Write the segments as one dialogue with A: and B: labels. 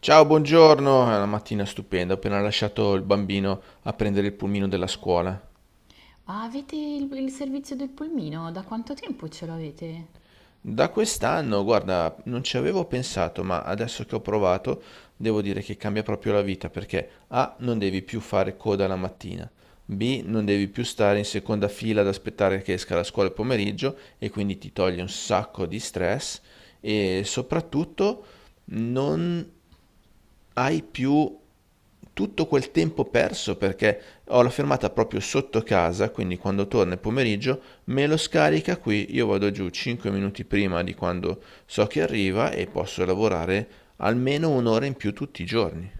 A: Ciao, buongiorno. È una mattina stupenda. Ho appena lasciato il bambino a prendere il pulmino della scuola.
B: Ah, avete il servizio del pulmino? Da quanto tempo ce l'avete?
A: Da quest'anno, guarda, non ci avevo pensato, ma adesso che ho provato, devo dire che cambia proprio la vita perché A, non devi più fare coda la mattina. B, non devi più stare in seconda fila ad aspettare che esca la scuola il pomeriggio e quindi ti toglie un sacco di stress e soprattutto non hai più tutto quel tempo perso perché ho la fermata proprio sotto casa, quindi quando torna il pomeriggio me lo scarica qui, io vado giù 5 minuti prima di quando so che arriva e posso lavorare almeno un'ora in più tutti i giorni.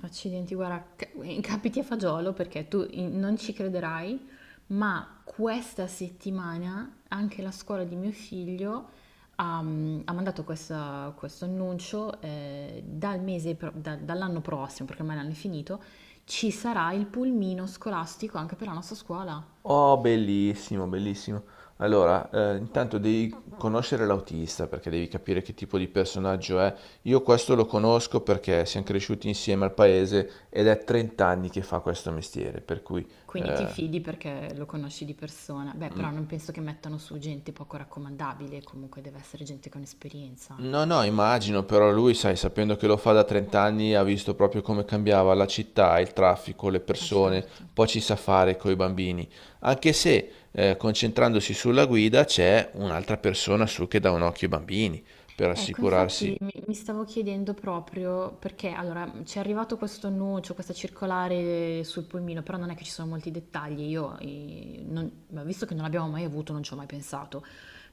B: Accidenti, guarda, capiti a fagiolo perché tu non ci crederai, ma questa settimana anche la scuola di mio figlio ha mandato questo annuncio dall'anno prossimo, perché ormai l'anno è finito, ci sarà il pulmino scolastico anche per la nostra scuola.
A: Oh, bellissimo, bellissimo. Allora, intanto devi conoscere l'autista perché devi capire che tipo di personaggio è. Io questo lo conosco perché siamo cresciuti insieme al paese ed è 30 anni che fa questo mestiere, per cui
B: Quindi ti
A: eh,
B: fidi perché lo conosci di persona. Beh,
A: Mm,
B: però non penso che mettano su gente poco raccomandabile, comunque deve essere gente con esperienza.
A: no, no, immagino, però lui, sai, sapendo che lo fa da 30 anni, ha visto proprio come cambiava la città, il traffico, le
B: Ah,
A: persone,
B: certo.
A: poi ci sa fare coi bambini. Anche se, concentrandosi sulla guida, c'è un'altra persona su che dà un occhio ai bambini, per
B: Ecco, infatti
A: assicurarsi.
B: mi stavo chiedendo proprio perché, allora, ci è arrivato questo annuncio, questa circolare sul pulmino, però non è che ci sono molti dettagli. Io, ma visto che non l'abbiamo mai avuto, non ci ho mai pensato,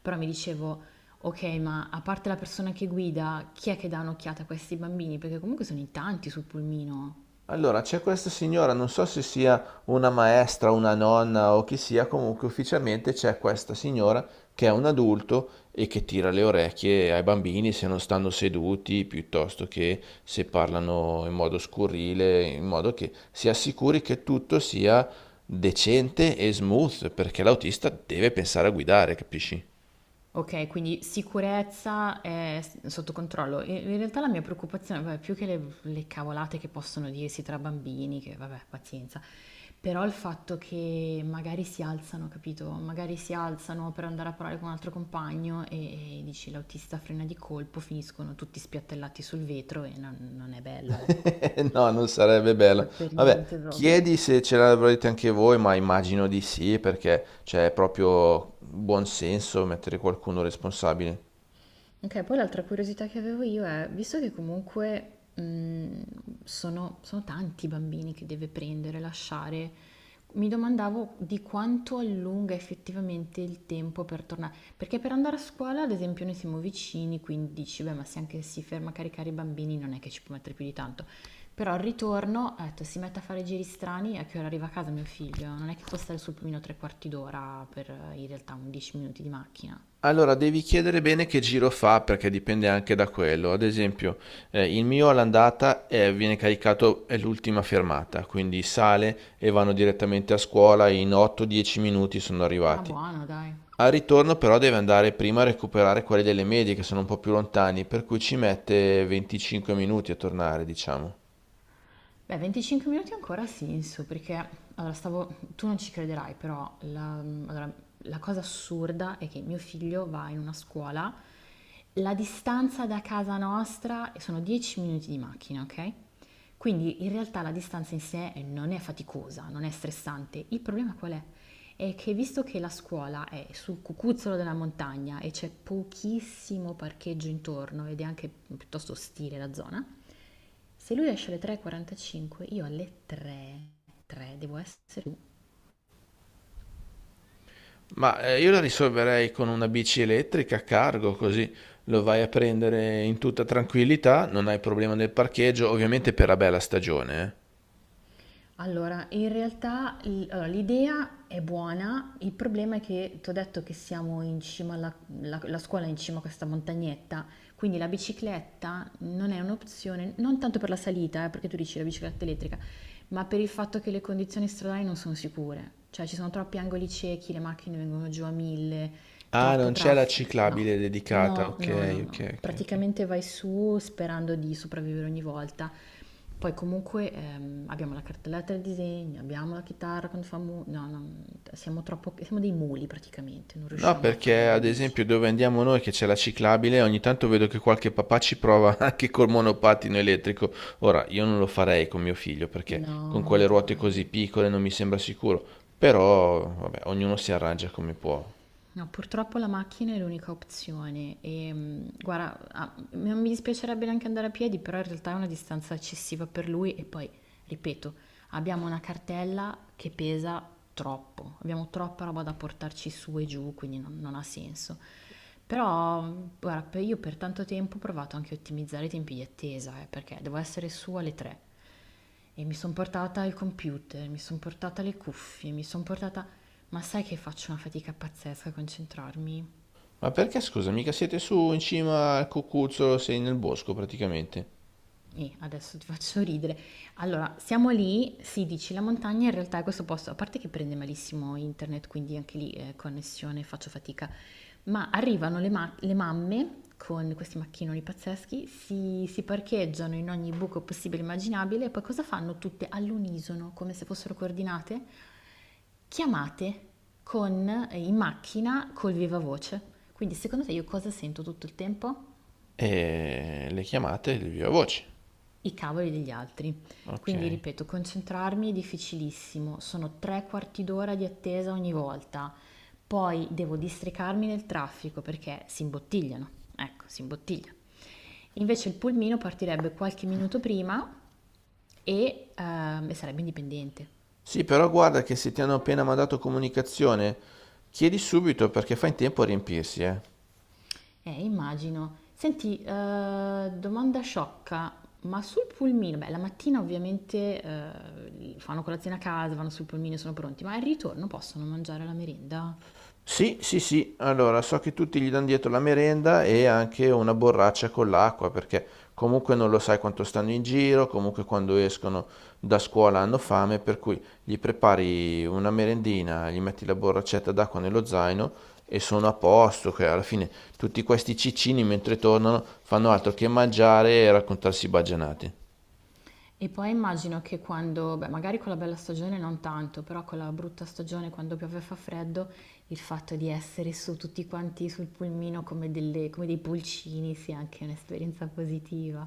B: però mi dicevo, ok, ma a parte la persona che guida, chi è che dà un'occhiata a questi bambini? Perché comunque sono in tanti sul pulmino.
A: Allora, c'è questa signora, non so se sia una maestra, una nonna o chi sia, comunque ufficialmente c'è questa signora che è un adulto e che tira le orecchie ai bambini se non stanno seduti, piuttosto che se parlano in modo scurrile, in modo che si assicuri che tutto sia decente e smooth, perché l'autista deve pensare a guidare, capisci?
B: Ok, quindi sicurezza è sotto controllo. In realtà la mia preoccupazione, vabbè, più che le cavolate che possono dirsi tra bambini, che vabbè, pazienza, però il fatto che magari si alzano, capito? Magari si alzano per andare a parlare con un altro compagno e dici l'autista frena di colpo, finiscono tutti spiattellati sul vetro e non è bello, ecco.
A: No, non sarebbe bello.
B: Per
A: Vabbè,
B: niente proprio.
A: chiedi se ce l'avrete anche voi, ma immagino di sì, perché c'è proprio buon senso mettere qualcuno responsabile.
B: Ok, poi l'altra curiosità che avevo io è, visto che comunque sono tanti i bambini che deve prendere, lasciare, mi domandavo di quanto allunga effettivamente il tempo per tornare. Perché per andare a scuola, ad esempio, noi siamo vicini, quindi dici, beh, ma se anche si ferma a caricare i bambini non è che ci può mettere più di tanto. Però al ritorno, ho detto, si mette a fare giri strani, a che ora arriva a casa mio figlio? Non è che può stare sul pulmino tre quarti d'ora per in realtà un 10 minuti di macchina.
A: Allora, devi chiedere bene che giro fa, perché dipende anche da quello. Ad esempio, il mio all'andata viene caricato, è l'ultima fermata, quindi sale e vanno direttamente a scuola, in 8-10 minuti sono
B: Ah,
A: arrivati.
B: buono, dai.
A: Al ritorno però deve andare prima a recuperare quelli delle medie che sono un po' più lontani, per cui ci mette 25 minuti a tornare, diciamo.
B: Beh, 25 minuti ancora ha senso, perché allora stavo, tu non ci crederai, però la, allora, la cosa assurda è che mio figlio va in una scuola, la distanza da casa nostra sono 10 minuti di macchina, ok? Quindi in realtà la distanza in sé non è faticosa, non è stressante. Il problema qual è? È che visto che la scuola è sul cucuzzolo della montagna e c'è pochissimo parcheggio intorno ed è anche piuttosto ostile la zona, se lui esce alle 3:45, io alle 3, 3 devo essere giù.
A: Ma io la risolverei con una bici elettrica a cargo, così lo vai a prendere in tutta tranquillità, non hai problema del parcheggio, ovviamente per la bella stagione.
B: Allora, in realtà allora, l'idea è buona, il problema è che ti ho detto che siamo in cima la scuola è in cima a questa montagnetta, quindi la bicicletta non è un'opzione, non tanto per la salita, perché tu dici la bicicletta elettrica, ma per il fatto che le condizioni stradali non sono sicure, cioè ci sono troppi angoli ciechi, le macchine vengono giù a mille,
A: Ah,
B: troppo
A: non c'è la
B: traffico, no,
A: ciclabile dedicata,
B: no, no,
A: ok,
B: no, no.
A: ok, ok, ok.
B: Praticamente vai su sperando di sopravvivere ogni volta. Poi comunque abbiamo la cartelletta del disegno, abbiamo la chitarra quando fa no, no, siamo dei muli praticamente, non
A: No,
B: riusciamo a
A: perché
B: fare in
A: ad
B: bici.
A: esempio dove andiamo noi che c'è la ciclabile, ogni tanto vedo che qualche papà ci prova anche col monopattino elettrico. Ora, io non lo farei con mio figlio perché con
B: No,
A: quelle ruote così
B: dai.
A: piccole non mi sembra sicuro. Però, vabbè, ognuno si arrangia come può.
B: No, purtroppo la macchina è l'unica opzione e guarda, ah, non mi dispiacerebbe neanche andare a piedi, però in realtà è una distanza eccessiva per lui e poi, ripeto, abbiamo una cartella che pesa troppo, abbiamo troppa roba da portarci su e giù, quindi non ha senso. Però, guarda, io per tanto tempo ho provato anche a ottimizzare i tempi di attesa, perché devo essere su alle 3 e mi sono portata il computer, mi sono portata le cuffie, mi sono portata. Ma sai che faccio una fatica pazzesca a concentrarmi?
A: Ma perché, scusa, mica siete su in cima al cucuzzolo, sei nel bosco praticamente.
B: E adesso ti faccio ridere. Allora, siamo lì, sì, dici la montagna, in realtà è questo posto, a parte che prende malissimo internet, quindi anche lì connessione, faccio fatica, ma arrivano le mamme con questi macchinoni pazzeschi, si parcheggiano in ogni buco possibile e immaginabile e poi cosa fanno tutte all'unisono, come se fossero coordinate? Chiamate in macchina col viva voce. Quindi secondo te io cosa sento tutto il tempo?
A: E le chiamate di viva voce.
B: I cavoli degli altri.
A: Ok.
B: Quindi ripeto, concentrarmi è difficilissimo, sono tre quarti d'ora di attesa ogni volta. Poi devo districarmi nel traffico perché si imbottigliano. Ecco, si imbottiglia. Invece il pulmino partirebbe qualche minuto prima e sarebbe indipendente.
A: Sì, però guarda che se ti hanno appena mandato comunicazione, chiedi subito perché fa in tempo a riempirsi, eh.
B: Immagino. Senti, domanda sciocca, ma sul pulmino, beh, la mattina ovviamente fanno colazione a casa, vanno sul pulmino e sono pronti, ma al ritorno possono mangiare la merenda?
A: Sì, sì, sì, allora so che tutti gli danno dietro la merenda e anche una borraccia con l'acqua perché comunque non lo sai quanto stanno in giro, comunque quando escono da scuola hanno fame, per cui gli prepari una merendina, gli metti la borraccetta d'acqua nello zaino e sono a posto, che alla fine tutti questi ciccini mentre tornano fanno altro che mangiare e raccontarsi baggianate.
B: E poi immagino che quando, beh, magari con la bella stagione non tanto, però con la brutta stagione, quando piove e fa freddo, il fatto di essere su tutti quanti sul pulmino come come dei pulcini sia anche un'esperienza positiva.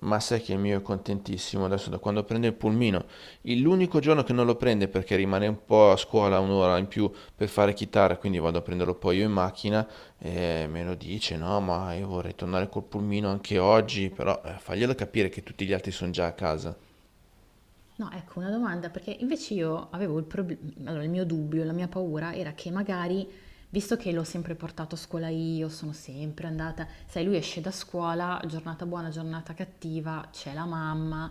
A: Ma sai che il mio è contentissimo adesso da quando prende il pulmino. Il- L'unico giorno che non lo prende perché rimane un po' a scuola un'ora in più per fare chitarra, quindi vado a prenderlo poi io in macchina e me lo dice, no, ma io vorrei tornare col pulmino anche oggi, però faglielo capire che tutti gli altri sono già a casa.
B: No, ecco una domanda, perché invece io avevo il problema, allora il mio dubbio, la mia paura era che magari, visto che l'ho sempre portato a scuola io, sono sempre andata, sai, lui esce da scuola, giornata buona, giornata cattiva, c'è la mamma,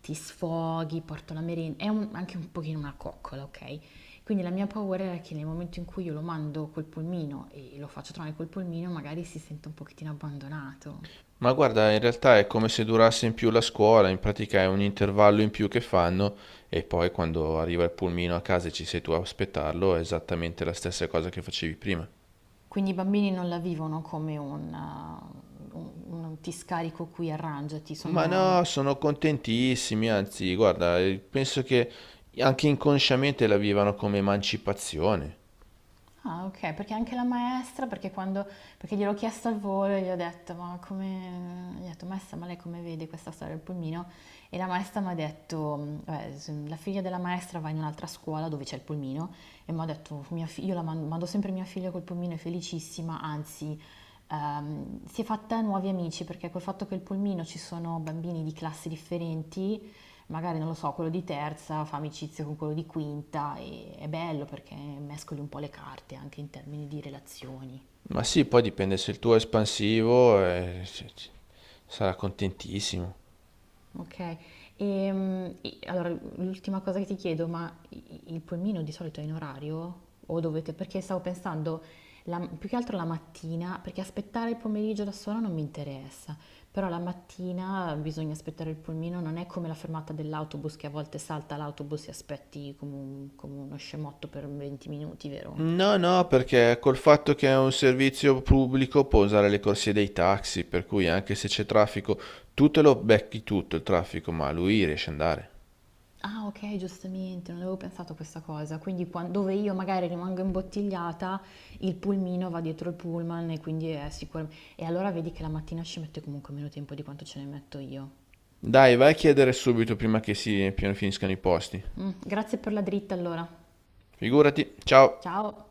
B: ti sfoghi, porto la merenda, è anche un pochino una coccola, ok? Quindi la mia paura era che nel momento in cui io lo mando col pulmino e lo faccio trovare col pulmino, magari si sente un pochettino abbandonato.
A: Ma guarda, in realtà è come se durasse in più la scuola, in pratica è un intervallo in più che fanno e poi quando arriva il pulmino a casa e ci sei tu a aspettarlo è esattamente la stessa cosa che facevi prima.
B: Quindi i bambini non la vivono come un ti scarico qui, arrangiati,
A: Ma no,
B: sono.
A: sono contentissimi, anzi, guarda, penso che anche inconsciamente la vivano come emancipazione.
B: Ah, ok, perché anche la maestra, perché quando, perché gliel'ho chiesto al volo e gli ho detto, ma come, gli ho detto, maestra, ma lei come vede questa storia del pulmino? E la maestra mi ha detto: "Mm, vabbè, la figlia della maestra va in un'altra scuola dove c'è il pulmino e mi ha detto, io la mando, mando sempre mia figlia col pulmino, è felicissima, anzi, si è fatta nuovi amici perché col fatto che il pulmino ci sono bambini di classi differenti. Magari, non lo so, quello di terza fa amicizia con quello di quinta e è bello perché mescoli un po' le carte anche in termini di relazioni."
A: Ma sì, poi dipende se il tuo è espansivo, sarà contentissimo.
B: Ok. E allora l'ultima cosa che ti chiedo, ma il pulmino di solito è in orario? O dovete, perché stavo pensando più che altro la mattina, perché aspettare il pomeriggio da sola non mi interessa, però la mattina bisogna aspettare il pulmino, non è come la fermata dell'autobus che a volte salta l'autobus e aspetti come, come uno scemotto per 20 minuti, vero?
A: No, no, perché col fatto che è un servizio pubblico può usare le corsie dei taxi, per cui anche se c'è traffico, tu te lo becchi tutto il traffico, ma lui riesce ad andare.
B: Ah, ok, giustamente, non avevo pensato a questa cosa. Quindi dove io magari rimango imbottigliata, il pulmino va dietro il pullman e quindi è sicuro. E allora vedi che la mattina ci mette comunque meno tempo di quanto ce ne metto io.
A: Dai, vai a chiedere subito prima che finiscano i posti.
B: Mm, grazie per la dritta allora.
A: Figurati, ciao!
B: Ciao.